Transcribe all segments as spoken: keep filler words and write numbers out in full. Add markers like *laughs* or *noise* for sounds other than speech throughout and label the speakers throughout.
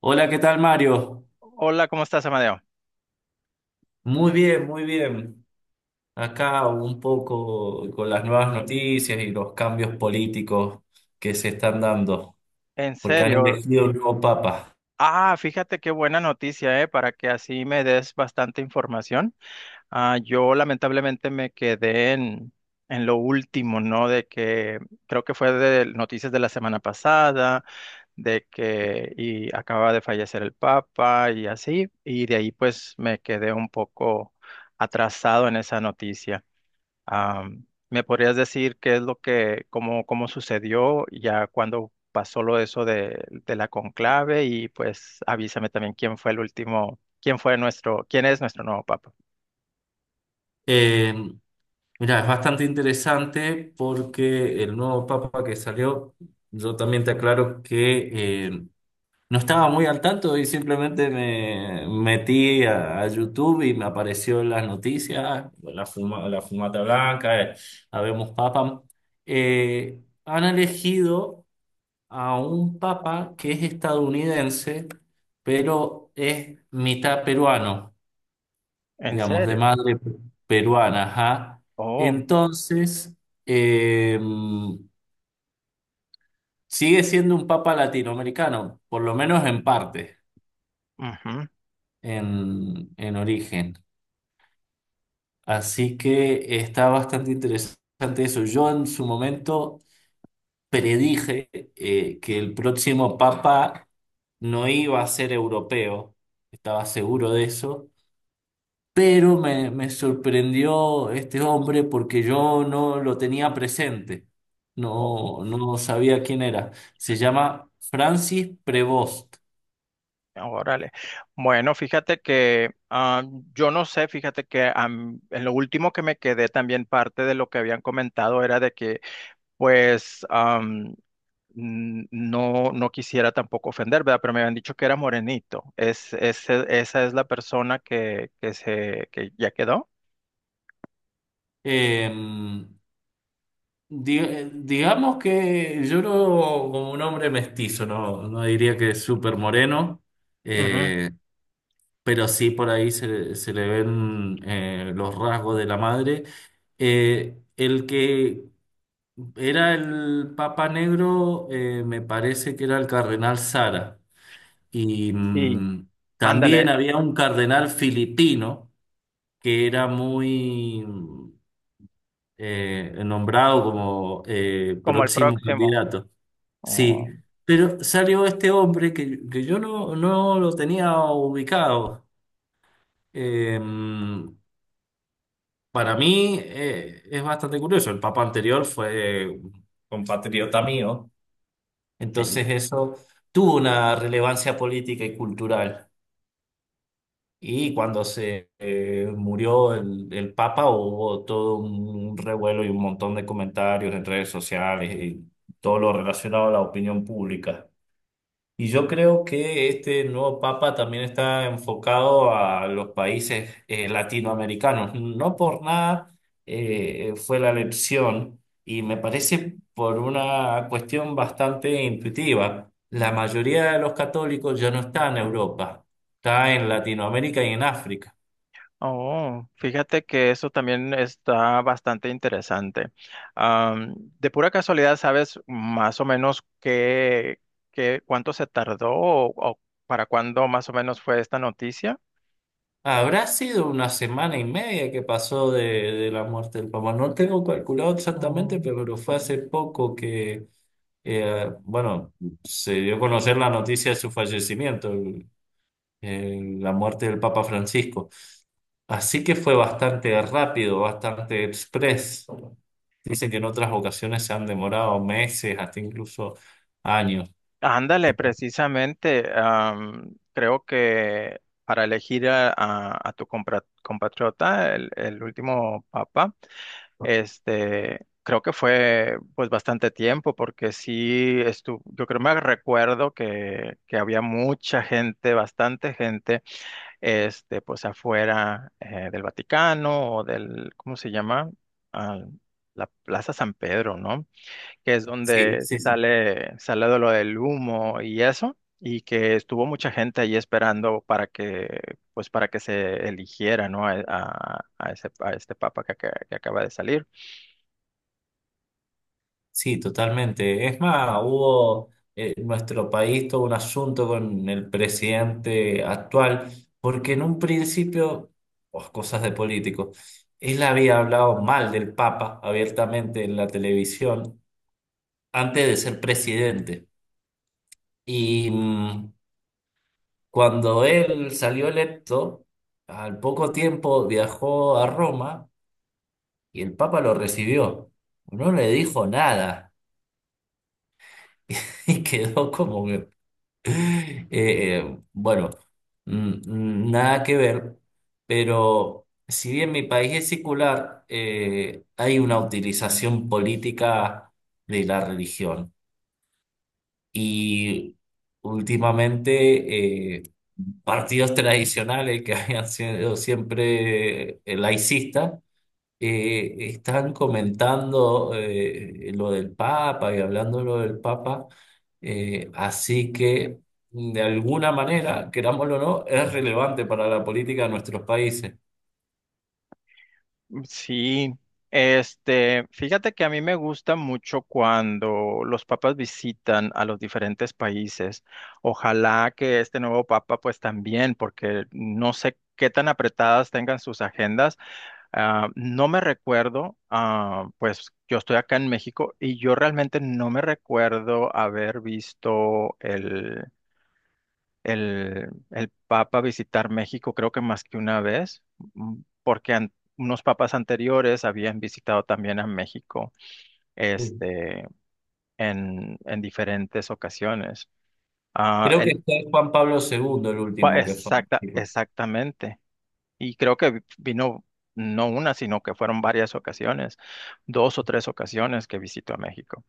Speaker 1: Hola, ¿qué tal, Mario?
Speaker 2: Hola, ¿cómo estás, Amadeo?
Speaker 1: Muy bien, muy bien. Acá un poco con las nuevas noticias y los cambios políticos que se están dando,
Speaker 2: En
Speaker 1: porque han
Speaker 2: serio.
Speaker 1: elegido un nuevo papa.
Speaker 2: Ah, fíjate qué buena noticia, ¿eh? Para que así me des bastante información. Ah, yo lamentablemente me quedé en, en lo último, ¿no? De que creo que fue de noticias de la semana pasada, de que y acaba de fallecer el Papa y así, y de ahí pues me quedé un poco atrasado en esa noticia. Am, ¿me podrías decir qué es lo que, cómo, cómo sucedió ya cuando pasó lo eso de, de la conclave? Y pues avísame también quién fue el último, quién fue nuestro, quién es nuestro nuevo papa.
Speaker 1: Eh, Mira, es bastante interesante porque el nuevo papa que salió, yo también te aclaro que eh, No estaba muy al tanto y simplemente me metí a, a YouTube y me apareció en las noticias, la, fuma- la fumata blanca, eh, habemos papa. Eh, Han elegido a un papa que es estadounidense, pero es mitad peruano,
Speaker 2: ¿En
Speaker 1: digamos, de
Speaker 2: serio?
Speaker 1: madre peruana, ajá.
Speaker 2: Oh,
Speaker 1: Entonces, eh, sigue siendo un papa latinoamericano, por lo menos en parte,
Speaker 2: ujú.
Speaker 1: en, en origen. Así que está bastante interesante eso. Yo en su momento predije, eh, que el próximo papa no iba a ser europeo, estaba seguro de eso, pero me, me sorprendió este hombre porque yo no lo tenía presente,
Speaker 2: Oh,
Speaker 1: no, no sabía quién era. Se llama Francis Prevost.
Speaker 2: órale. Bueno, fíjate que ah, yo no sé, fíjate que am, en lo último que me quedé también parte de lo que habían comentado era de que pues am, n- no, no quisiera tampoco ofender, ¿verdad? Pero me habían dicho que era morenito. Es, ese- esa es la persona que, que se, que ya quedó.
Speaker 1: Em, Di- eh, digamos que yo no, como un hombre mestizo, no, no diría que es súper moreno,
Speaker 2: Ujú.
Speaker 1: eh, pero sí por ahí se, se le ven, eh, los rasgos de la madre. Eh, el que era el Papa Negro, eh, me parece que era el Cardenal Sara. Y
Speaker 2: Sí,
Speaker 1: mm, también
Speaker 2: ándale,
Speaker 1: había un cardenal filipino que era muy mm, eh, nombrado como eh,
Speaker 2: como el
Speaker 1: próximo
Speaker 2: próximo.
Speaker 1: candidato. Sí,
Speaker 2: Oh,
Speaker 1: pero salió este hombre que, que yo no, no lo tenía ubicado. Eh, para mí, eh, es bastante curioso. El papa anterior fue un compatriota mío,
Speaker 2: sí.
Speaker 1: entonces eso tuvo una relevancia política y cultural. Y cuando se eh, murió el, el papa, hubo todo un revuelo y un montón de comentarios en redes sociales y todo lo relacionado a la opinión pública. Y yo creo que este nuevo papa también está enfocado a los países eh, latinoamericanos. No por nada eh, fue la elección, y me parece por una cuestión bastante intuitiva. La mayoría de los católicos ya no está en Europa, está en Latinoamérica y en África.
Speaker 2: Oh, fíjate que eso también está bastante interesante. Am, de pura casualidad, ¿sabes más o menos qué, qué, cuánto se tardó o, o para cuándo más o menos fue esta noticia?
Speaker 1: Habrá sido una semana y media que pasó de, de la muerte del papa. No tengo calculado exactamente, pero fue hace poco que, Eh, bueno, se dio a conocer la noticia de su fallecimiento, el- el- la muerte del Papa Francisco. Así que fue bastante rápido, bastante express. Dicen que en otras ocasiones se han demorado meses, hasta incluso años.
Speaker 2: Ándale, precisamente, am, creo que para elegir a, a- a tu compra- compatriota, el, el último papa, este, creo que fue pues bastante tiempo, porque sí estuvo, yo creo me recuerdo que, que había mucha gente, bastante gente, este, pues afuera eh, del Vaticano o del, ¿cómo se llama? Al- la Plaza San Pedro, ¿no? Que es
Speaker 1: Sí,
Speaker 2: donde
Speaker 1: sí, sí.
Speaker 2: sale, sale de lo del humo y eso, y que estuvo mucha gente ahí esperando para que, pues para que se eligiera, ¿no? A, a- a ese, a este papa que, aca- que acaba de salir.
Speaker 1: Sí, totalmente. Es más, hubo, eh, nuestro país todo un asunto con el presidente actual, porque en un principio, oh, cosas de políticos, él había hablado mal del Papa abiertamente en la televisión antes de ser presidente. Y mm, cuando él salió electo, al poco tiempo viajó a Roma y el Papa lo recibió. No le dijo nada *laughs* y quedó como *laughs* Eh, eh, bueno, mm, mm, nada que ver, pero si bien mi país es secular, eh, hay una utilización política de la religión. Y últimamente, eh, partidos tradicionales que *laughs* habían sido siempre, eh, laicistas, eh, están comentando, eh, lo del Papa y hablando de lo del Papa, eh, así que, mm, de alguna manera, querámoslo o no, es relevante para la política de nuestros países.
Speaker 2: Sí, este, fíjate que a mí me gusta mucho cuando los papas visitan a los diferentes países. Ojalá que este nuevo papa, pues también, porque no sé qué tan apretadas tengan sus agendas. Ah, no me recuerdo, ah, pues yo estoy acá en México y yo realmente no me recuerdo haber visto el, el, el Papa visitar México, creo que más que una vez, mm, porque an- unos papas anteriores habían visitado también a México,
Speaker 1: Sí.
Speaker 2: este, en, en diferentes ocasiones. Ah,
Speaker 1: Creo que
Speaker 2: el,
Speaker 1: fue Juan Pablo segundo el
Speaker 2: pa-
Speaker 1: último que fue.
Speaker 2: exacta, exactamente. Y creo que vi- vino no una, sino que fueron varias ocasiones, dos o tres ocasiones que visitó a México.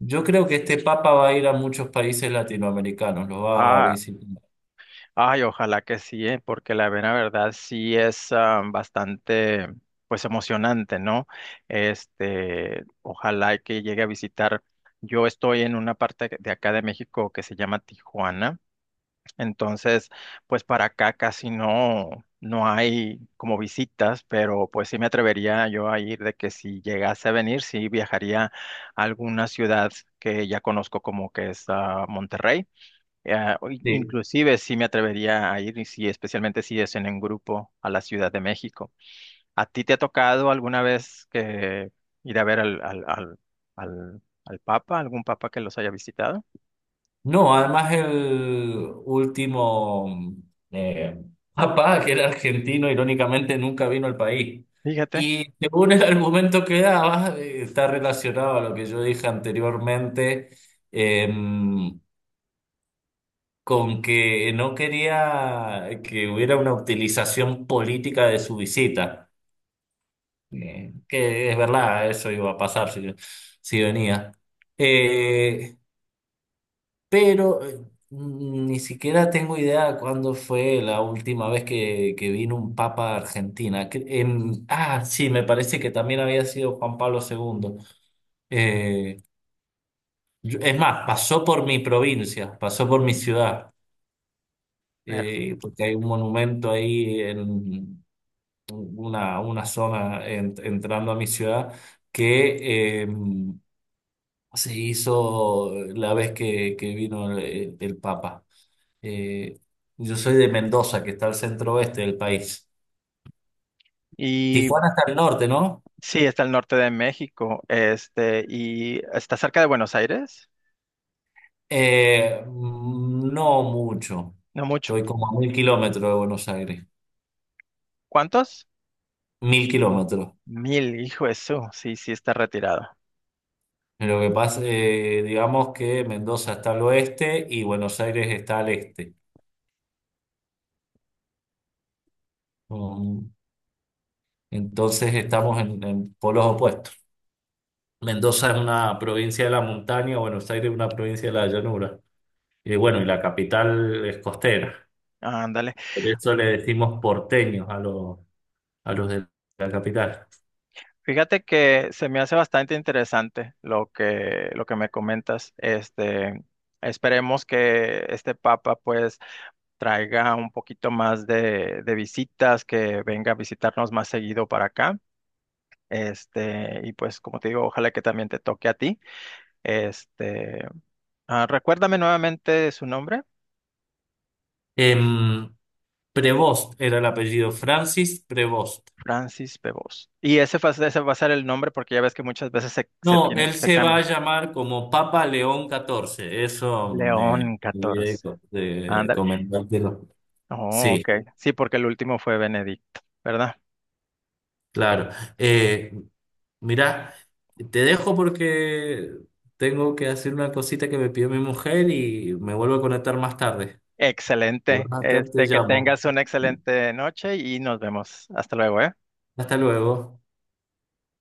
Speaker 1: Yo creo que este Papa va a ir a muchos países latinoamericanos, los va a
Speaker 2: Ah,
Speaker 1: visitar.
Speaker 2: ay, ojalá que sí, eh, porque la mera verdad sí es ah, bastante, pues emocionante, ¿no? Este, ojalá y que llegue a visitar. Yo estoy en una parte de acá de México que se llama Tijuana. Entonces, pues para acá casi no, no hay como visitas, pero pues sí me atrevería yo a ir de que si llegase a venir, sí viajaría a alguna ciudad que ya conozco como que es ah, Monterrey. Eh, o in- inclusive sí me atrevería a ir, y sí, especialmente si es en un grupo a la Ciudad de México. ¿A ti te ha tocado alguna vez que ir a ver al, al, al, al, al Papa, algún Papa que los haya visitado?
Speaker 1: No, además el último, eh, *laughs* papá, que era argentino, irónicamente nunca vino al país.
Speaker 2: Fíjate.
Speaker 1: Y según el argumento que daba, eh, está relacionado a lo que yo dije anteriormente, em, con que no quería que hubiera una utilización política de su visita. Eh, que es verdad, eso iba a pasar si, si venía. Eh, pero eh, ni siquiera tengo idea cuándo fue la última vez que, que vino un papa a Argentina. Que- en- ah, sí, me parece que también había sido Juan Pablo segundo. Eh, yo- es más, pasó por mi provincia, pasó por mi ciudad,
Speaker 2: Ver.
Speaker 1: eh, porque hay un monumento ahí en una, una zona en- entrando a mi ciudad que... em, Se hizo la vez que, que vino el el Papa. Eh, yo soy de Mendoza, que está al centro oeste del país.
Speaker 2: Y
Speaker 1: Tijuana está al norte, ¿no?
Speaker 2: sí, está al norte de México, este, y está cerca de Buenos Aires,
Speaker 1: Eh, mm, no mucho.
Speaker 2: no mucho.
Speaker 1: Estoy como a mil kilómetros de Buenos Aires.
Speaker 2: ¿Cuántos?
Speaker 1: Mil kilómetros.
Speaker 2: Mil, hijo de su, sí, sí está retirado.
Speaker 1: Lo que pasa, eh, digamos que Mendoza está al oeste y Buenos Aires está al este. Um, entonces estamos en, en, polos opuestos. Mendoza es una provincia de la montaña, Buenos Aires es una provincia de la llanura. Y bueno, y la capital es costera.
Speaker 2: Ándale.
Speaker 1: Por eso le decimos porteños, a, los a los de la capital.
Speaker 2: Fíjate que se me hace bastante interesante lo que, lo que me comentas. Este, esperemos que este papa pues traiga un poquito más de, de visitas, que venga a visitarnos más seguido para acá. Este, y pues como te digo, ojalá que también te toque a ti. Este, ah, recuérdame nuevamente su nombre,
Speaker 1: Em, Prevost era el apellido, Francis Prevost.
Speaker 2: Francis Bebos. Y ese, fa- ese va a ser el nombre porque ya ves que muchas veces se, se
Speaker 1: No,
Speaker 2: tiene,
Speaker 1: él
Speaker 2: se
Speaker 1: se va a
Speaker 2: cambia.
Speaker 1: llamar como Papa León catorce. Eso me
Speaker 2: León
Speaker 1: olvidé de,
Speaker 2: catorce.
Speaker 1: co- de
Speaker 2: Ándale.
Speaker 1: comentártelo.
Speaker 2: Oh,
Speaker 1: Sí,
Speaker 2: ok. Sí, porque el último fue Benedicto, ¿verdad?
Speaker 1: claro. Eh, Mirá, te dejo porque tengo que hacer una cosita que me pidió mi mujer y me vuelvo a conectar más tarde.
Speaker 2: Excelente.
Speaker 1: Más tarde te
Speaker 2: Este, que
Speaker 1: llamo.
Speaker 2: tengas una excelente noche y nos vemos. Hasta luego, ¿eh?
Speaker 1: Hasta luego.